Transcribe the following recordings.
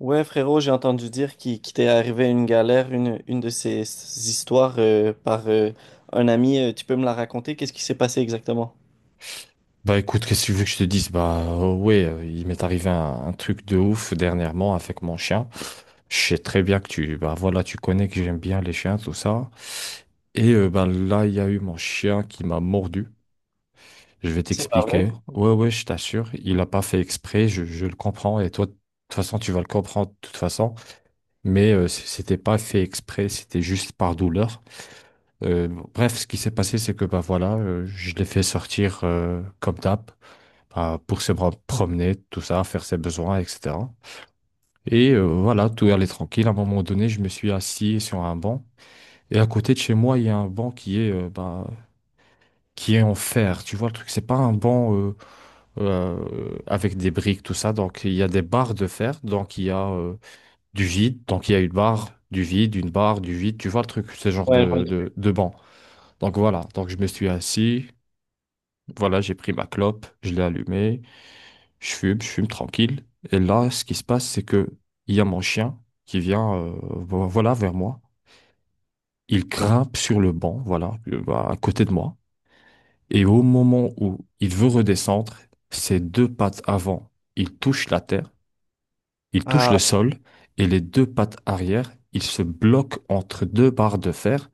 Ouais, frérot, j'ai entendu dire qu'il t'est arrivé une galère, une de ces histoires par un ami. Tu peux me la raconter? Qu'est-ce qui s'est passé exactement? Bah écoute, qu'est-ce que tu veux que je te dise? Bah, ouais, il m'est arrivé un truc de ouf dernièrement avec mon chien. Je sais très bien que bah voilà, tu connais que j'aime bien les chiens, tout ça. Et bah là, il y a eu mon chien qui m'a mordu. Je vais C'est pas vrai? t'expliquer. Ouais, ouais, je t'assure, il a pas fait exprès, je le comprends. Et toi, de toute façon, tu vas le comprendre de toute façon. Mais c'était pas fait exprès, c'était juste par douleur. Euh, bref, ce qui s'est passé, c'est que bah voilà, je l'ai fait sortir comme d'hab. Bah, pour se promener, tout ça, faire ses besoins, etc. Et voilà, tout allait tranquille. À un moment donné, je me suis assis sur un banc. Et à côté de chez moi, il y a un banc qui est, bah, qui est en fer. Tu vois, le truc, c'est pas un banc avec des briques, tout ça. Donc, il y a des barres de fer. Donc, il y a du vide. Donc, il y a une barre, du vide, une barre, du vide. Tu vois le truc, ce genre Ouais, je vois de, le truc. de, de banc. Donc, voilà. Donc, je me suis assis. Voilà, j'ai pris ma clope, je l'ai allumée. Je fume tranquille. Et là, ce qui se passe, c'est que il y a mon chien qui vient, voilà, vers moi. Il grimpe sur le banc, voilà, bah, à côté de moi. Et au moment où il veut redescendre, ses deux pattes avant, il touche la terre, il touche le Ah, sol, et les deux pattes arrière, il se bloque entre deux barres de fer.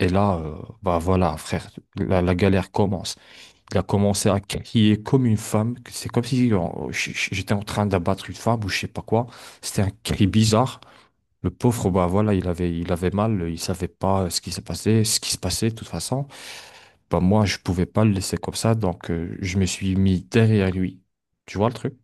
Et là, bah voilà, frère, la galère commence. Elle a commencé à crier comme une femme. C'est comme si j'étais en train d'abattre une femme ou je sais pas quoi. C'était un cri bizarre. Le pauvre, bah voilà, il avait mal, il savait pas ce qui s'est passé, ce qui se passait de toute façon. Bah moi, je pouvais pas le laisser comme ça, donc je me suis mis derrière lui. Tu vois le truc?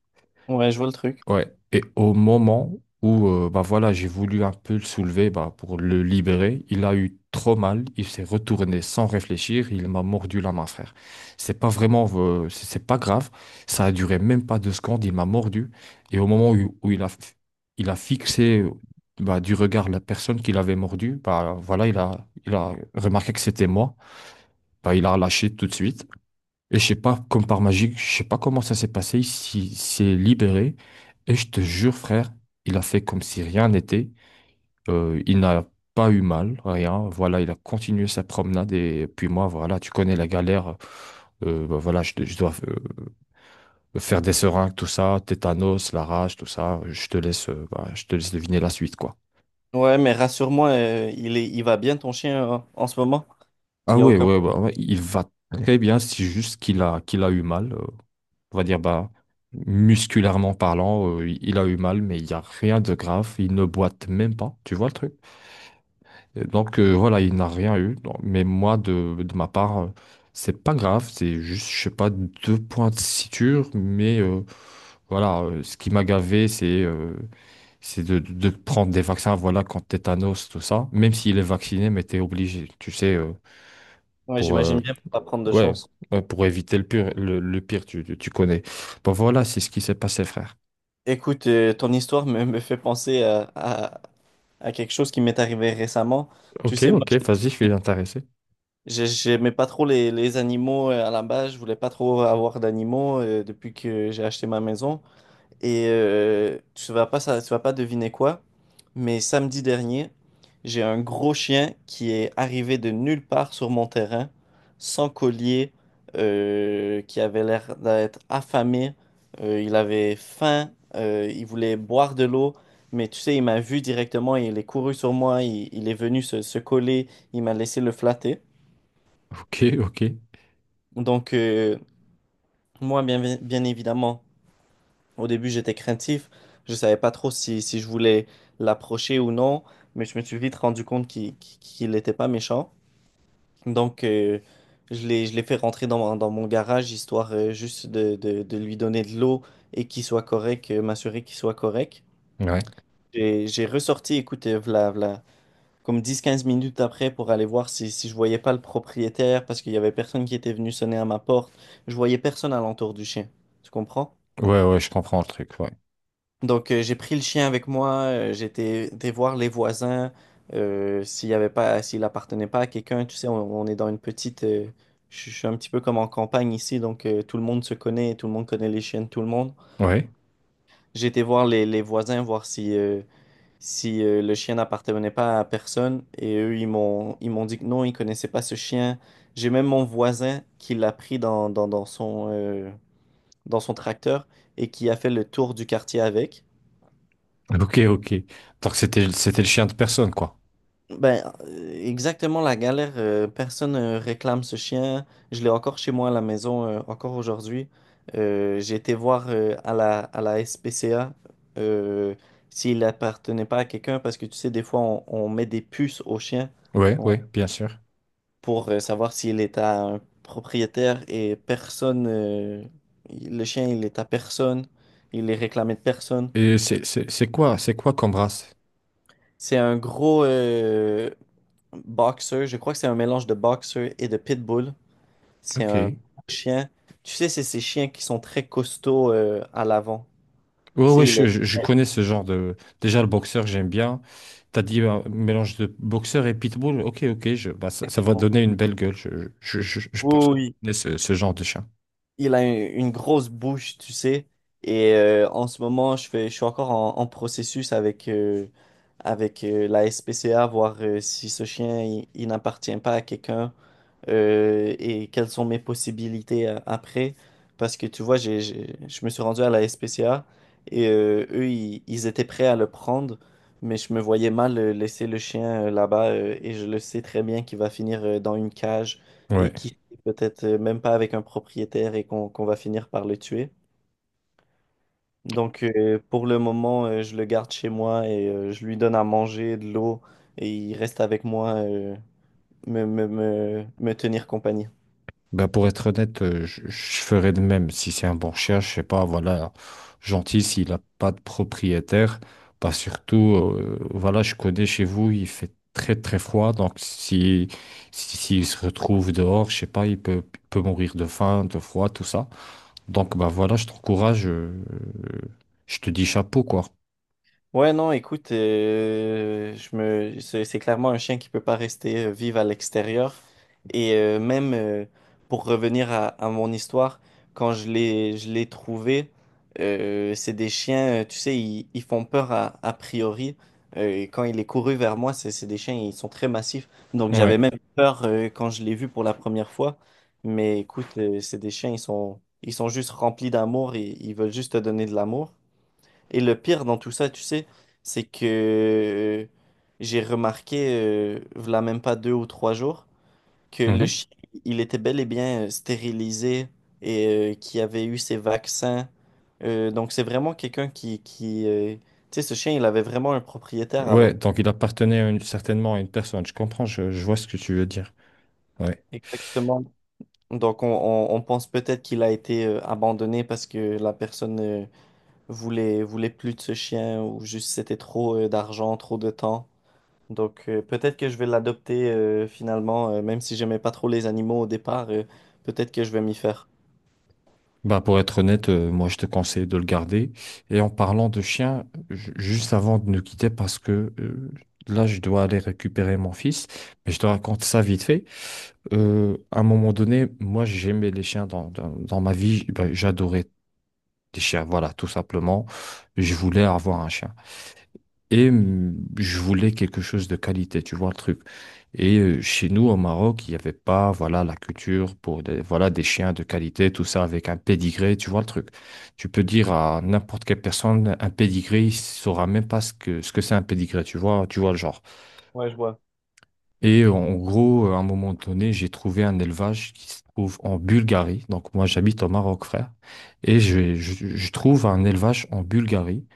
ouais, je vois le truc. Ouais. Et au moment où bah voilà, j'ai voulu un peu le soulever bah, pour le libérer, il a eu trop mal, il s'est retourné sans réfléchir, il m'a mordu la main, frère. C'est pas vraiment, c'est pas grave, ça a duré même pas 2 secondes, il m'a mordu. Et au moment où il a fixé bah, du regard la personne qu'il avait mordu, bah voilà, il a remarqué que c'était moi, bah, il a lâché tout de suite. Et je sais pas, comme par magie, je sais pas comment ça s'est passé, il s'est libéré. Et je te jure, frère, il a fait comme si rien n'était. Il n'a pas eu mal, rien. Voilà, il a continué sa promenade. Et puis moi, voilà, tu connais la galère. Bah voilà, je dois faire des seringues, tout ça, tétanos, la rage, tout ça. Je te laisse, bah, je te laisse deviner la suite, quoi. Ouais, mais rassure-moi, il est, il va bien ton chien en ce moment? Il Ah n'y a ouais, aucun. ouais, ouais, ouais, il va très bien, c'est juste qu'il a eu mal. On va dire, bah, musculairement parlant, il a eu mal, mais il n'y a rien de grave. Il ne boite même pas, tu vois le truc? Et donc voilà, il n'a rien eu. Donc, mais moi, de ma part, c'est pas grave, c'est juste, je sais pas, deux points de suture, mais voilà, ce qui m'a gavé, c'est de prendre des vaccins, voilà, contre tétanos, tout ça. Même s'il est vacciné, mais t'es obligé, tu sais, Ouais, pour, j'imagine bien pas prendre de ouais, chance. ouais, pour éviter le pire, le pire, tu connais. Bon, voilà, c'est ce qui s'est passé, frère. Écoute, ton histoire me fait penser à quelque chose qui m'est arrivé récemment. Tu Ok, sais, moi, ok, vas-y, je suis intéressé. J'aimais pas trop les animaux à la base, je voulais pas trop avoir d'animaux depuis que j'ai acheté ma maison. Et tu vas pas, ça, tu vas pas deviner quoi, mais samedi dernier, j'ai un gros chien qui est arrivé de nulle part sur mon terrain, sans collier, qui avait l'air d'être affamé. Il avait faim, il voulait boire de l'eau, mais tu sais, il m'a vu directement, il est couru sur moi, il est venu se coller, il m'a laissé le flatter. Ok, ok. Donc, moi, bien évidemment, au début, j'étais craintif. Je savais pas trop si, si je voulais l'approcher ou non, mais je me suis vite rendu compte qu'il n'était pas méchant. Donc, je l'ai fait rentrer dans, dans mon garage, histoire juste de lui donner de l'eau et qu'il soit correct, m'assurer qu'il soit correct. Ouais. Et j'ai ressorti, écoute, v'là, comme dix quinze minutes après pour aller voir si, si je voyais pas le propriétaire parce qu'il y avait personne qui était venu sonner à ma porte. Je voyais personne à l'entour du chien. Tu comprends? Ouais, ouais, je comprends le truc, ouais. Donc j'ai pris le chien avec moi, j'étais été voir les voisins s'il y avait pas s'il appartenait pas à quelqu'un, tu sais on est dans une petite je suis un petit peu comme en campagne ici donc tout le monde se connaît, tout le monde connaît les chiens de tout le monde. Ouais. J'ai été voir les voisins voir si le chien n'appartenait pas à personne et eux ils m'ont dit que non, ils connaissaient pas ce chien. J'ai même mon voisin qui l'a pris dans son tracteur et qui a fait le tour du quartier avec. Ok, ok. Donc, c'était le chien de personne, quoi. Ben exactement la galère, personne réclame ce chien. Je l'ai encore chez moi à la maison encore aujourd'hui. J'ai été voir à la SPCA euh, s'il appartenait pas à quelqu'un parce que tu sais des fois on met des puces aux chiens. Ouais, ouais, bien sûr. Pour savoir s'il est à un propriétaire et personne, le chien, il est à personne, il est réclamé de personne. Et c'est quoi comme race? C'est un gros boxer, je crois que c'est un mélange de boxer et de pitbull. C'est Ok. un gros chien. Tu sais, c'est ces chiens qui sont très costauds à l'avant. Ouais, Tu sais, ouais, il je, est... je- je connais ce genre de. Déjà, le boxeur, j'aime bien. T'as dit un mélange de boxeur et pitbull. Ok, ok, bah, ça va Exactement. donner une belle gueule. Je pense que je connais ce genre de chien. Il a un- une grosse bouche, tu sais. Et en ce moment, je suis encore en, en processus avec la SPCA, voir si ce chien, il n'appartient pas à quelqu'un et quelles sont mes possibilités après. Parce que tu vois, je me suis rendu à la SPCA et eux, ils étaient prêts à le prendre, mais je me voyais mal laisser le chien là-bas et je le sais très bien qu'il va finir dans une cage et Ouais. qui peut-être même pas avec un propriétaire et qu'on va finir par le tuer. Donc pour le moment, je le garde chez moi et je lui donne à manger, de l'eau et il reste avec moi, me tenir compagnie. Bah pour être honnête, je ferais de même. Si c'est un bon chien, je sais pas, voilà, gentil, s'il n'a pas de propriétaire, bah surtout, voilà, je connais chez vous, il fait très très froid, donc s'il se retrouve dehors, je sais pas, il peut mourir de faim, de froid, tout ça. Donc bah voilà, je t'encourage, je te dis chapeau, quoi. Ouais, non, écoute, c'est clairement un chien qui peut pas rester vivre à l'extérieur. Et même pour revenir à mon histoire, quand je l'ai trouvé, c'est des chiens, tu sais, ils font peur à, a priori. Et quand il est couru vers moi, c'est des chiens, ils sont très massifs. Donc j'avais Ouais. même peur quand je l'ai vu pour la première fois. Mais écoute, c'est des chiens, ils sont juste remplis d'amour et ils veulent juste te donner de l'amour. Et le pire dans tout ça, tu sais, c'est que j'ai remarqué, v'là même pas deux ou trois jours, que le Mhm. chien, il était bel et bien stérilisé et qui avait eu ses vaccins. Donc c'est vraiment quelqu'un qui, tu sais, ce chien, il avait vraiment un propriétaire Ouais, avant. donc il appartenait à certainement à une personne, je comprends, je vois ce que tu veux dire. Ouais. Exactement. Donc on pense peut-être qu'il a été abandonné parce que la personne voulait plus de ce chien ou juste c'était trop d'argent, trop de temps. Donc peut-être que je vais l'adopter finalement, même si j'aimais pas trop les animaux au départ, peut-être que je vais m'y faire. Bah pour être honnête, moi je te conseille de le garder. Et en parlant de chien, juste avant de nous quitter, parce que là je dois aller récupérer mon fils, mais je te raconte ça vite fait. À un moment donné, moi j'aimais les chiens dans ma vie, bah, j'adorais les chiens, voilà, tout simplement. Je voulais avoir un chien. Et je voulais quelque chose de qualité, tu vois le truc. Et chez nous, au Maroc, il n'y avait pas, voilà, la culture pour des, voilà, des chiens de qualité, tout ça avec un pédigré, tu vois le truc. Tu peux dire à n'importe quelle personne, un pédigré, il saura même pas ce que, c'est un pédigré, tu vois le genre. Ouais, je vois. Et en gros, à un moment donné, j'ai trouvé un élevage qui se trouve en Bulgarie. Donc moi, j'habite au Maroc, frère. Et je trouve un élevage en Bulgarie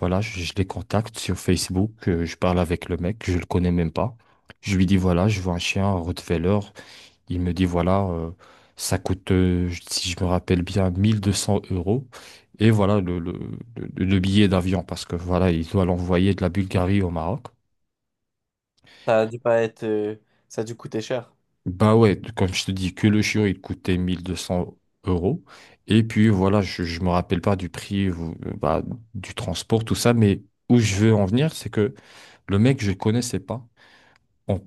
voilà, je les contacte sur Facebook, je parle avec le mec, je le connais même pas. Je lui dis, voilà, je vois un chien, un Rottweiler. Il me dit, voilà, ça coûte, si je me rappelle bien, 1 200 euros. Et voilà le billet d'avion, parce que voilà, il doit l'envoyer de la Bulgarie au Maroc. Ça a dû pas être, ça a dû coûter cher. Bah ouais, comme je te dis, que le chiot il coûtait 1 200 euros. Et puis voilà, je me rappelle pas du prix, ou, bah, du transport, tout ça, mais où je veux en venir, c'est que le mec, je le connaissais pas. on-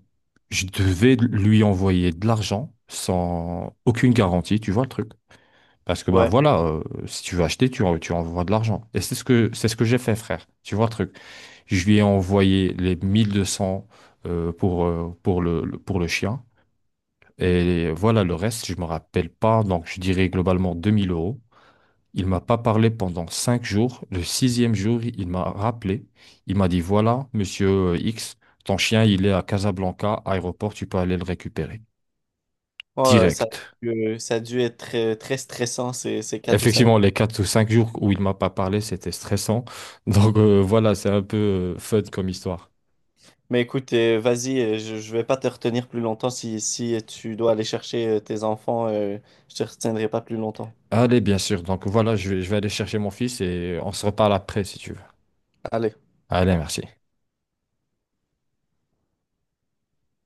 je devais lui envoyer de l'argent sans aucune garantie, tu vois le truc. Parce que bah Ouais. voilà, si tu veux acheter, tu envoies de l'argent. Et c'est ce que j'ai fait, frère. Tu vois le truc. Je lui ai envoyé les 1200 pour le chien. Et voilà, le reste, je me rappelle pas. Donc, je dirais globalement 2 000 euros. Il m'a pas parlé pendant 5 jours. Le sixième jour, il m'a rappelé. Il m'a dit, voilà, monsieur X, ton chien, il est à Casablanca, aéroport, tu peux aller le récupérer. Oh, Direct. Ça a dû être très, très stressant ces 4 ou cinq. Effectivement, les 4 ou 5 jours où il m'a pas parlé, c'était stressant. Donc voilà, c'est un peu fun comme histoire. Mais écoute, vas-y, je vais pas te retenir plus longtemps. Si, si tu dois aller chercher tes enfants, je te retiendrai pas plus longtemps. Allez, bien sûr. Donc voilà, je vais aller chercher mon fils et on se reparle après si tu veux. Allez. Allez, merci.